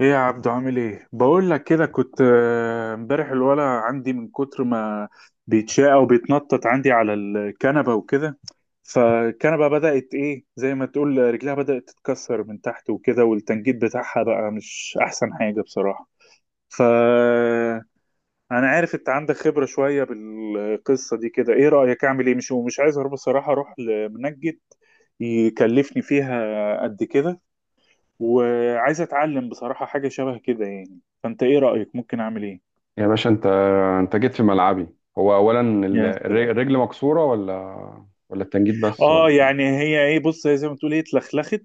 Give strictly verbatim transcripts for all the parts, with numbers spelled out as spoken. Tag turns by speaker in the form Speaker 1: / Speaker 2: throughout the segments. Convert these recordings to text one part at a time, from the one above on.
Speaker 1: ايه يا عبدو، عامل ايه؟ بقول لك كده، كنت آه، امبارح الولا عندي من كتر ما بيتشاء وبيتنطط عندي على الكنبه وكده. فالكنبه بدات، ايه، زي ما تقول رجلها بدات تتكسر من تحت وكده، والتنجيد بتاعها بقى مش احسن حاجه بصراحه. ف انا عارف انت عندك خبره شويه بالقصه دي كده، ايه رايك؟ اعمل ايه؟ مش مش عايز اروح بصراحه اروح لمنجد يكلفني فيها قد كده. وعايز اتعلم بصراحة حاجة شبه كده يعني. فانت ايه رأيك؟ ممكن اعمل ايه؟
Speaker 2: يا باشا انت انت جيت في ملعبي. هو اولا ال-
Speaker 1: يا سلام.
Speaker 2: الر- الرجل مكسوره ولا ولا التنجيد بس
Speaker 1: اه
Speaker 2: ولا إيه؟
Speaker 1: يعني هي ايه، بص، هي زي ما تقول ايه اتلخلخت.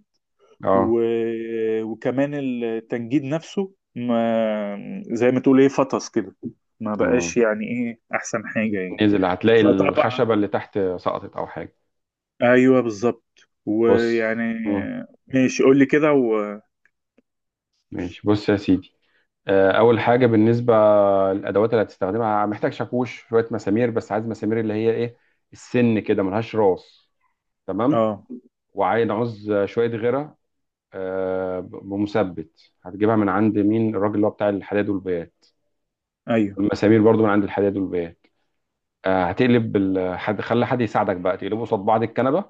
Speaker 2: اه.
Speaker 1: و... وكمان التنجيد نفسه ما زي ما تقول ايه فطس كده. ما
Speaker 2: مم.
Speaker 1: بقاش يعني ايه احسن حاجة يعني.
Speaker 2: نزل هتلاقي
Speaker 1: فطبعا.
Speaker 2: الخشبه اللي تحت سقطت او حاجه.
Speaker 1: ايوه بالظبط.
Speaker 2: بص.
Speaker 1: ويعني.
Speaker 2: مم.
Speaker 1: ماشي، قول لي كده. و...
Speaker 2: ماشي بص يا سيدي. آه، اول حاجه بالنسبه للادوات اللي هتستخدمها محتاج شاكوش شويه مسامير، بس عايز مسامير اللي هي ايه السن كده ملهاش راس. تمام.
Speaker 1: اه.
Speaker 2: وعايز عوز شويه غيره. آه، بمثبت هتجيبها من عند مين؟ الراجل اللي هو بتاع الحداد والبيات،
Speaker 1: ايوه.
Speaker 2: والمسامير برضو من عند الحداد والبيات. آه هتقلب ال- حد، خلي حد يساعدك بقى تقلبه قصاد بعض الكنبه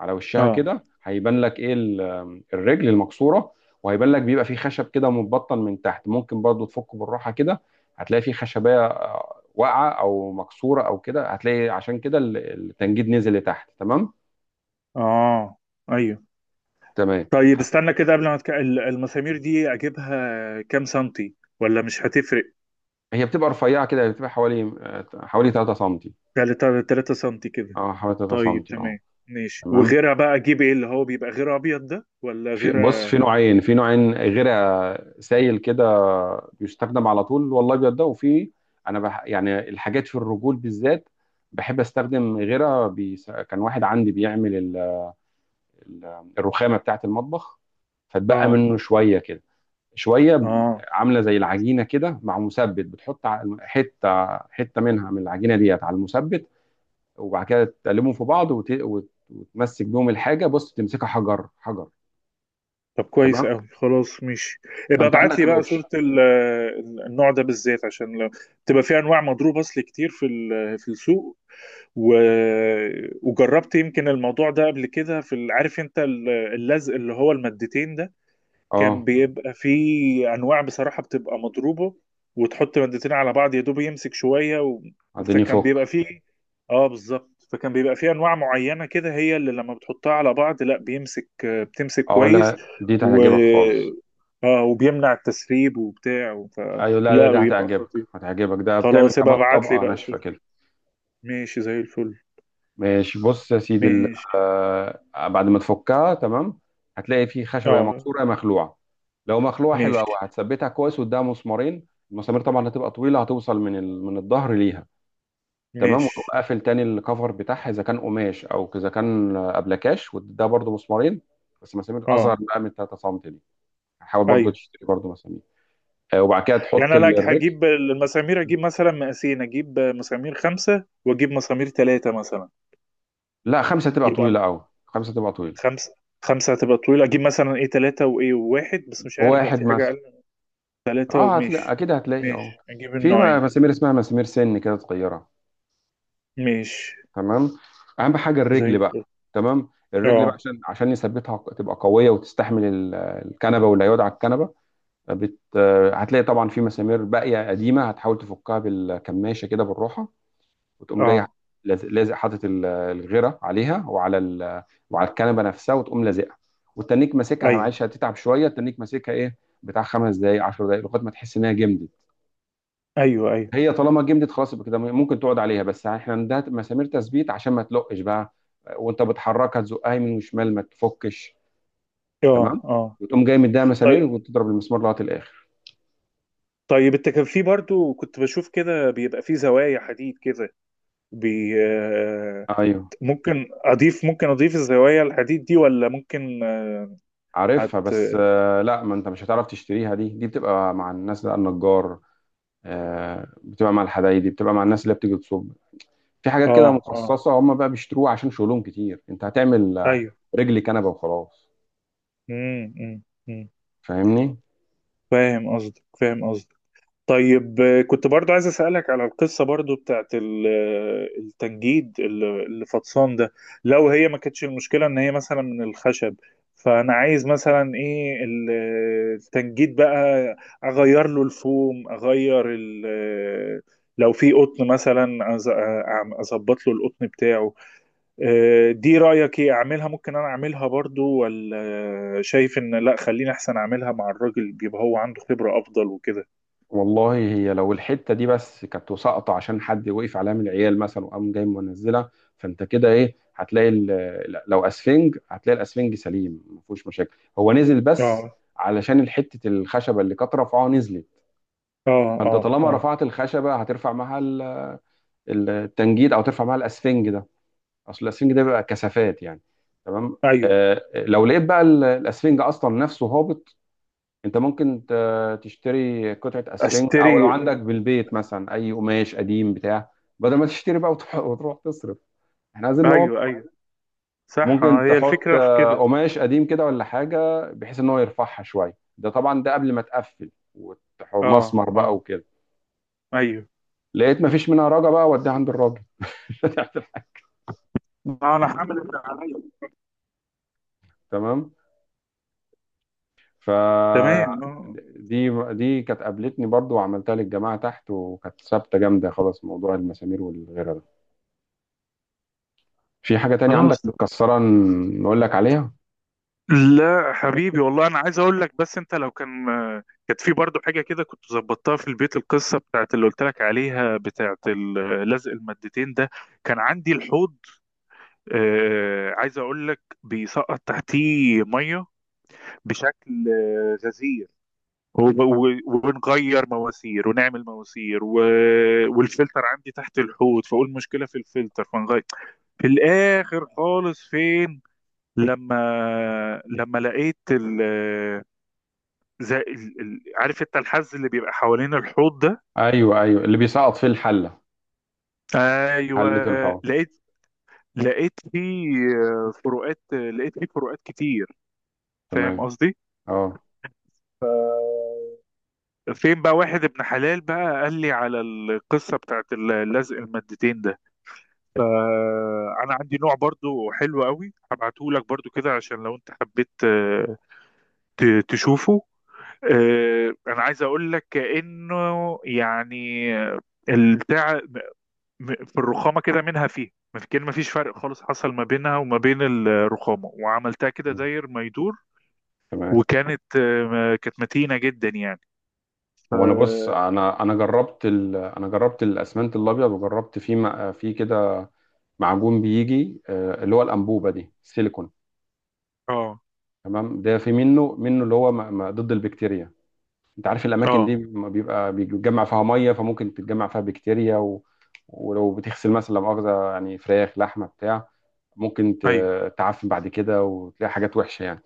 Speaker 2: على وشها
Speaker 1: اه.
Speaker 2: كده، هيبان لك ايه ال- الرجل المكسوره. وهيبان لك بيبقى فيه خشب كده متبطن من تحت، ممكن برضو تفكه بالراحه كده. هتلاقي فيه خشبيه آه، واقعه او مكسوره او كده، هتلاقي عشان كده ال- التنجيد نزل لتحت. تمام.
Speaker 1: اه. ايوه.
Speaker 2: تمام
Speaker 1: طيب
Speaker 2: هت-
Speaker 1: استنى كده، قبل ما تك... ال- المسامير دي اجيبها كام سنتي؟ ولا مش هتفرق؟
Speaker 2: هي بتبقى رفيعه كده، بتبقى حوالي آه، حوالي 3 سم.
Speaker 1: تلاتة تلاتة سنتي كده.
Speaker 2: اه حوالي 3 سم
Speaker 1: طيب
Speaker 2: اه.
Speaker 1: تمام. ماشي.
Speaker 2: تمام.
Speaker 1: وغيرها بقى اجيب ايه، اللي هو بيبقى غير ابيض ده ولا
Speaker 2: في
Speaker 1: غير؟
Speaker 2: بص في نوعين، في نوعين غير سايل كده بيستخدم على طول والله، ابيض ده، وفي - انا بح يعني الحاجات في الرجول بالذات بحب استخدم غيرها بيس... كان واحد عندي بيعمل ال... ال- الرخامه بتاعه المطبخ، فتبقى
Speaker 1: اه.
Speaker 2: منه شويه كده شويه
Speaker 1: اه.
Speaker 2: عامله زي العجينه كده مع مثبت، بتحط ع- حته حته منها من العجينه ديت على المثبت وبعد كده تقلبهم في بعض وت... وت... وتمسك بيهم الحاجه. بص تمسكها حجر حجر.
Speaker 1: طب كويس
Speaker 2: تمام.
Speaker 1: قوي، خلاص ماشي. يبقى
Speaker 2: فانت
Speaker 1: ابعت
Speaker 2: عندك
Speaker 1: لي بقى
Speaker 2: الاوبشن.
Speaker 1: صورة ال- النوع ده بالذات، عشان لو تبقى في انواع مضروب اصل كتير في ال- في السوق. و... وجربت يمكن الموضوع ده قبل كده في ال- عارف انت ال- اللزق اللي هو المادتين ده. كان
Speaker 2: اه.
Speaker 1: بيبقى فيه انواع بصراحه بتبقى مضروبه، وتحط مادتين على بعض يا دوب يمسك شويه. و...
Speaker 2: اديني
Speaker 1: فكان بيبقى
Speaker 2: فك.
Speaker 1: فيه اه بالظبط. فكان بيبقى فيه انواع معينه كده، هي اللي لما بتحطها على بعض، لا بيمسك، آه، بتمسك
Speaker 2: اه،
Speaker 1: كويس.
Speaker 2: لا دي
Speaker 1: و
Speaker 2: هتعجبك خالص.
Speaker 1: اه وبيمنع التسريب وبتاع. ف...
Speaker 2: ايوه. لا لا،
Speaker 1: لا
Speaker 2: دي
Speaker 1: بيبقى
Speaker 2: هتعجبك
Speaker 1: خطير.
Speaker 2: هتعجبك، ده بتعمل
Speaker 1: خلاص يبقى
Speaker 2: كمان
Speaker 1: ابعت لي
Speaker 2: طبقه
Speaker 1: بقى
Speaker 2: ناشفه
Speaker 1: صورة.
Speaker 2: كده.
Speaker 1: ماشي زي الفل.
Speaker 2: ماشي بص يا سيدي ال-
Speaker 1: ماشي.
Speaker 2: آه بعد ما تفكها تمام هتلاقي فيه خشبه يا
Speaker 1: اه.
Speaker 2: مكسوره يا مخلوعه. لو مخلوعه حلوه قوي
Speaker 1: ماشي.
Speaker 2: هتثبتها كويس قدام مسمارين. المسامير طبعا هتبقى طويله، هتوصل من ال... من الظهر ليها. تمام. وتقوم
Speaker 1: ماشي.
Speaker 2: قافل تاني الكفر بتاعها، اذا كان قماش او اذا كان آه، أبلكاش، وده برضو مسمارين، بس مسامير اصغر
Speaker 1: اه.
Speaker 2: بقى من 3 سم دي. حاول برضو
Speaker 1: ايوه.
Speaker 2: تشتري برضو مسامير. آه، وبعد كده تحط
Speaker 1: يعني انا
Speaker 2: ال- الرجل.
Speaker 1: هجيب المسامير اجيب مثلا مقاسين، اجيب مسامير خمسة واجيب مسامير ثلاثة مثلا.
Speaker 2: لا، خمسه تبقى
Speaker 1: يبقى
Speaker 2: طويله قوي، خمسه تبقى طويله.
Speaker 1: خمسة. خمسة هتبقى طويلة. اجيب مثلا ايه ثلاثة وايه واحد، بس مش عارف بقى
Speaker 2: واحد
Speaker 1: في حاجة اقل
Speaker 2: مثلا.
Speaker 1: من ثلاثة.
Speaker 2: اه هتلاقي
Speaker 1: وماشي.
Speaker 2: اكيد هتلاقي اه.
Speaker 1: ماشي، اجيب
Speaker 2: في
Speaker 1: النوعين.
Speaker 2: م- مسامير اسمها مسامير سن كده صغيره.
Speaker 1: ماشي
Speaker 2: تمام. اهم حاجه
Speaker 1: زي
Speaker 2: الرجل
Speaker 1: الفل.
Speaker 2: بقى. تمام. الرجل بقى
Speaker 1: اه.
Speaker 2: عشان عشان يثبتها ق- تبقى قويه وتستحمل ال- الكنبه واللي هيقعد على الكنبه. بت... آه، هتلاقي طبعا في مسامير باقيه قديمه، هتحاول تفكها بالكماشه كده بالروحه، وتقوم جاي
Speaker 1: اه.
Speaker 2: لاز- لازق حاطط ال- الغيره عليها وعلى ال- وعلى الكنبه نفسها، وتقوم لازقها. والتنيك ماسكها،
Speaker 1: ايوه.
Speaker 2: معلش هتتعب شويه، التنيك ماسكها ايه بتاع خمس دقائق 10 دقائق لغايه ما تحس انها جمدت.
Speaker 1: ايوه. ايوه.
Speaker 2: هي طالما جمدت خلاص يبقى كده ممكن تقعد عليها. بس احنا عندها مسامير تثبيت عشان ما تلقش بقى وانت بتحركها تزقها يمين وشمال ما تفكش.
Speaker 1: اه.
Speaker 2: تمام.
Speaker 1: اه.
Speaker 2: وتقوم جاي مديها مسامير
Speaker 1: طيب.
Speaker 2: وتضرب المسمار لغايه الاخر.
Speaker 1: طيب، انت كان في برضو كنت بشوف كده بيبقى في زوايا حديد كده، بي آه،
Speaker 2: ايوه
Speaker 1: ممكن اضيف ممكن اضيف الزوايا الحديد دي؟ ولا ممكن؟
Speaker 2: عارفها،
Speaker 1: حت
Speaker 2: بس آه، لا، ما انت مش هتعرف تشتريها. دي دي بتبقى مع الناس بقى النجار. آه، بتبقى مع الحدايدي، بتبقى مع الناس اللي بتيجي تصب. في حاجات
Speaker 1: اه.
Speaker 2: كده
Speaker 1: اه.
Speaker 2: مخصصة هم بقى بيشتروها عشان شغلهم كتير. انت هتعمل آه،
Speaker 1: ايوه.
Speaker 2: رجل كنبة وخلاص.
Speaker 1: امم. امم. أمم.
Speaker 2: فاهمني.
Speaker 1: فاهم قصدك. فاهم قصدك. طيب، آه، كنت برضو عايز اسالك على القصه برضو بتاعت ال- آه، التنجيد اللي اللي فطسان ده. لو هي ما كانتش المشكله ان هي مثلا من الخشب، فانا عايز مثلا ايه، ال- آه، التنجيد بقى، اغير له الفوم، اغير ال آه، لو في قطن مثلا أز- آه، أعم- اظبط له القطن بتاعه. آه، دي رأيك ايه اعملها؟ ممكن انا اعملها برضو، ولا شايف ان لا خليني احسن اعملها مع الراجل بيبقى هو عنده خبرة افضل وكده؟
Speaker 2: والله هي لو الحتة دي بس كانت ساقطة عشان حد وقف عليها من العيال مثلا وقام جاي منزلها، فانت كده ايه هتلاقي ال- لا، لو اسفنج هتلاقي الاسفنج سليم، ما فيهوش مشاكل، هو نزل بس
Speaker 1: اه.
Speaker 2: علشان الحتة الخشبة اللي كانت رافعاها نزلت.
Speaker 1: اه.
Speaker 2: فانت
Speaker 1: اه.
Speaker 2: طالما
Speaker 1: اه.
Speaker 2: رفعت الخشبة هترفع معاها ال- التنجيد او ترفع معاها الاسفنج ده. اصل الاسفنج ده بيبقى كثافات يعني. تمام.
Speaker 1: ايوه.
Speaker 2: آه، آه، لو لقيت بقى ال- الاسفنج اصلا نفسه هابط، انت ممكن ت- تشتري قطعه اسفنج،
Speaker 1: اشتري.
Speaker 2: او لو عندك بالبيت مثلا اي قماش قديم بتاع، بدل ما تشتري بقى وتروح, وتروح تصرف. احنا عايزين ان هو
Speaker 1: ايوه. ايوه. صح، آه،
Speaker 2: ممكن
Speaker 1: هي
Speaker 2: تحط
Speaker 1: الفكرة في
Speaker 2: آه،
Speaker 1: كده.
Speaker 2: قماش قديم كده ولا حاجه بحيث ان هو يرفعها شويه. ده طبعا ده قبل ما تقفل وتح-
Speaker 1: اه.
Speaker 2: مسمر بقى
Speaker 1: اه.
Speaker 2: وكده.
Speaker 1: ايوه.
Speaker 2: لقيت مفيش منها رجا بقى وديها عند الراجل.
Speaker 1: انا هعمل اللي عليا.
Speaker 2: تمام. ف
Speaker 1: تمام، آه.
Speaker 2: دي دي كانت قابلتني برضو وعملتها للجماعة تحت وكانت ثابتة جامدة خلاص، موضوع المسامير والغيره ده. في حاجة تانية عندك
Speaker 1: خلاص.
Speaker 2: متكسرة ن- نقول لك عليها؟
Speaker 1: لا حبيبي والله انا عايز اقول لك، بس انت لو كان كانت في برضه حاجه كده كنت ظبطتها في البيت. القصه بتاعت اللي قلت لك عليها بتاعت ال- لزق المادتين ده. كان عندي الحوض، آه، عايز اقول لك بيسقط تحتيه ميه بشكل آه، غزير، وب- و- ونغير مواسير ونعمل مواسير. و... والفلتر عندي تحت الحوض، فاقول مشكله في الفلتر فنغير. في الاخر خالص فين، لما لما لقيت زي ال... ال... عارف انت الحز اللي بيبقى حوالين الحوض ده.
Speaker 2: ايوه ايوه، اللي بيسقط فيه الحلة.
Speaker 1: ايوه.
Speaker 2: حلة الحوض.
Speaker 1: لقيت لقيت فيه فروقات لقيت فيه فروقات كتير.
Speaker 2: تمام.
Speaker 1: فاهم قصدي؟
Speaker 2: اه.
Speaker 1: فين بقى واحد ابن حلال بقى قال لي على القصة بتاعت اللزق المادتين ده. فأنا عندي نوع برضو حلو قوي هبعته لك برضو كده عشان لو انت حبيت آه، ت- تشوفه. آه، أنا عايز أقول لك كأنه يعني البتاع، م- في الرخامة كده منها، فيه ما في، كان مفيش فرق خالص حصل ما بينها وما بين الرخامة، وعملتها كده
Speaker 2: م.
Speaker 1: داير ما يدور.
Speaker 2: تمام.
Speaker 1: وكانت آه، كانت متينة جدا يعني. ف
Speaker 2: هو انا بص انا انا جربت ال... انا جربت الاسمنت الابيض وجربت فيه م... فيه كده معجون بيجي آه، اللي هو الانبوبة دي، السيليكون.
Speaker 1: اه.
Speaker 2: تمام. ده في منه منه اللي هو م... م... ضد البكتيريا. انت عارف الاماكن
Speaker 1: اه.
Speaker 2: دي ما بيبقى بيتجمع فيها ميه، فممكن تتجمع فيها بكتيريا و... ولو بتغسل مثلا لا مؤاخذه يعني فراخ لحمه بتاع، ممكن
Speaker 1: ايوه.
Speaker 2: ت- تعفن بعد كده وتلاقي حاجات وحشه يعني.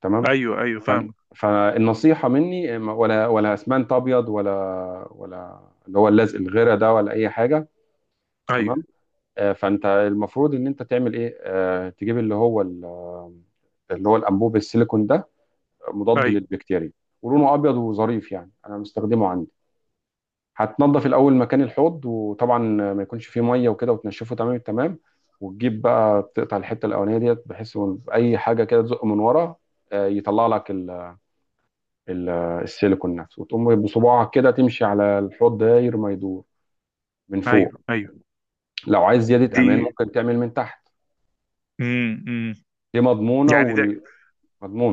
Speaker 2: تمام.
Speaker 1: ايوه. ايوه.
Speaker 2: ف...
Speaker 1: فاهم.
Speaker 2: فالنصيحه مني ما- ولا ولا اسمنت ابيض ولا ولا اللي هو اللزق الغيره ده ولا اي حاجه.
Speaker 1: ايوه.
Speaker 2: تمام. آه، فانت المفروض ان انت تعمل ايه آه، تجيب اللي هو ال- اللي هو الانبوب السيليكون ده، مضاد
Speaker 1: ايوه.
Speaker 2: للبكتيريا، ولونه ابيض وظريف يعني، انا مستخدمه عندي. هتنضف الاول مكان الحوض، وطبعا ما يكونش فيه ميه وكده، وتنشفه تمام التمام. وتجيب بقى تقطع الحته الاولانيه ديت بحيث إن اي حاجه كده تزق من ورا آه، يطلع لك ال- ال- السيليكون نفسه، وتقوم بصباعك كده تمشي على الحوض داير ما يدور من فوق.
Speaker 1: ايوه. ايوه.
Speaker 2: لو عايز زياده
Speaker 1: دي.
Speaker 2: امان ممكن تعمل من تحت.
Speaker 1: امم. امم.
Speaker 2: دي مضمونه
Speaker 1: يعني ده
Speaker 2: ومضمونه.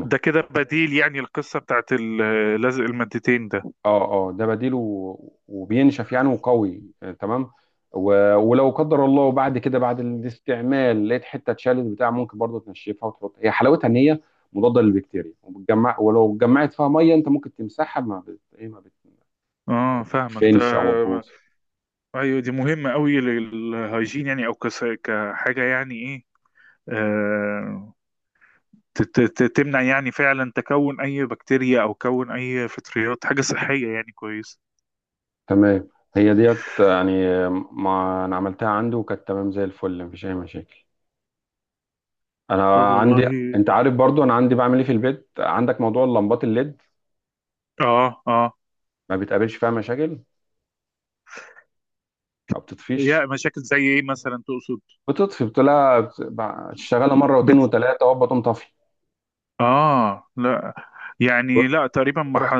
Speaker 1: ده كده بديل، يعني القصة بتاعت ال- لزق المادتين ده.
Speaker 2: اه اه، ده بديله و- وبينشف يعني وقوي آه، تمام. و- ولو قدر الله بعد كده بعد الاستعمال لقيت حته اتشالت بتاع، ممكن برضه تنشفها وتحط. هي حلاوتها ان هي مضاده للبكتيريا، وبتجمع، ولو اتجمعت فيها ميه انت ممكن تمسحها ما بت... ايه ما
Speaker 1: اه، فاهمك ده.
Speaker 2: بتفنش او بتبوظ.
Speaker 1: ايوه، دي مهمة قوي للهايجين يعني، او كس- كحاجة يعني ايه. آه، ت- ت- تمنع يعني فعلا تكون اي بكتيريا او كون اي فطريات، حاجه صحيه يعني كويسه.
Speaker 2: تمام. هي ديت يعني آه، ما انا عملتها عنده وكانت تمام زي الفل، مفيش اي مشاكل.
Speaker 1: طب
Speaker 2: انا عندي -
Speaker 1: والله.
Speaker 2: انت عارف برضو انا عندي بعمل ايه في البيت عندك، موضوع اللمبات الليد،
Speaker 1: اه. اه.
Speaker 2: ما بتقابلش فيها مشاكل، ما
Speaker 1: يا
Speaker 2: بتطفيش.
Speaker 1: مشاكل زي ايه مثلا تقصد؟
Speaker 2: بتطفي؟ بتلاقي بت- تشتغلها مره واتنين
Speaker 1: بت...
Speaker 2: وتلاته وهوبا تقوم طافي.
Speaker 1: اه. لا. يعني لا، تقريبا ما ح...
Speaker 2: رحت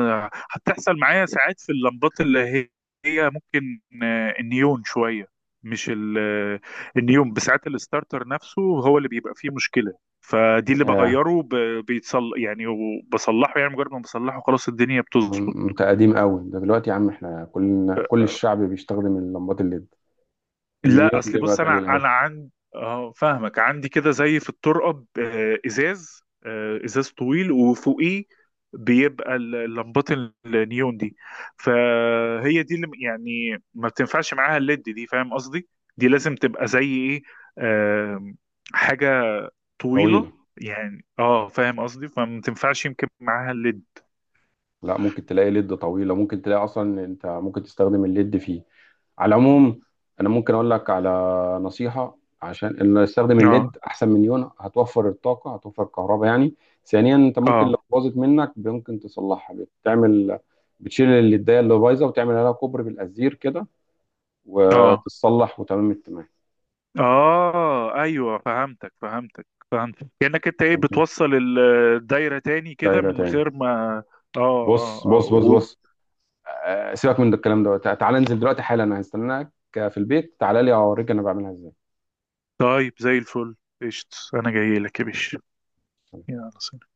Speaker 1: هتحصل معايا. ساعات في اللمبات اللي هي هي ممكن آه، النيون شويه، مش ال... آه، النيون، بساعات الستارتر نفسه هو اللي بيبقى فيه مشكله. فدي اللي
Speaker 2: ياه.
Speaker 1: بغيره، ب... بيتصل يعني، وبصلحه يعني، مجرد ما بصلحه خلاص الدنيا بتظبط.
Speaker 2: م- انت قديم قوي ده. دلوقتي يا عم احنا كلنا كل الشعب بيستخدم اللمبات الليد.
Speaker 1: لا
Speaker 2: النيون
Speaker 1: اصل
Speaker 2: دي
Speaker 1: بص،
Speaker 2: بقت
Speaker 1: انا
Speaker 2: قليل قوي.
Speaker 1: انا عندي، اه فاهمك، عندي كده زي في الطرقه آه، ازاز آه، ازاز طويل وفوقيه بيبقى ال- لمبات النيون دي. فهي دي اللي م- يعني ما بتنفعش معاها الليد دي. فاهم قصدي؟ دي لازم تبقى زي ايه، آم، حاجه طويله،
Speaker 2: طويله.
Speaker 1: يعني، اه، فاهم قصدي، فما تنفعش يمكن معاها الليد.
Speaker 2: لا، ممكن تلاقي ليد طويلة، ممكن تلاقي أصلا. أنت ممكن تستخدم الليد، فيه على العموم. أنا ممكن أقول لك على نصيحة: عشان إن استخدم
Speaker 1: اه.
Speaker 2: الليد أحسن من يون، هتوفر الطاقة، هتوفر الكهرباء يعني. ثانيا أنت ممكن لو
Speaker 1: اه.
Speaker 2: باظت منك ممكن تصلحها، بتعمل - بتشيل الليداية اللي بايظة وتعمل عليها كوبري بالأزير كده،
Speaker 1: اه.
Speaker 2: وتتصلح وتمام التمام.
Speaker 1: اه. ايوه. فهمتك. فهمتك. فهمتك. كأنك انت ايه،
Speaker 2: فهمت؟
Speaker 1: بتوصل ال- الدايرة تاني كده
Speaker 2: دايرة
Speaker 1: من
Speaker 2: تاني.
Speaker 1: غير ما. اه. اه.
Speaker 2: بص
Speaker 1: اه.
Speaker 2: بص بص
Speaker 1: و...
Speaker 2: بص. آه، سيبك من ده الكلام ده، تع- تعالى انزل دلوقتي حالا، أنا هستناك في البيت، تعالى لي أوريك أنا بعملها إزاي.
Speaker 1: طيب زي الفل. قشط، انا جاي لك يا باشا. يلا سلام.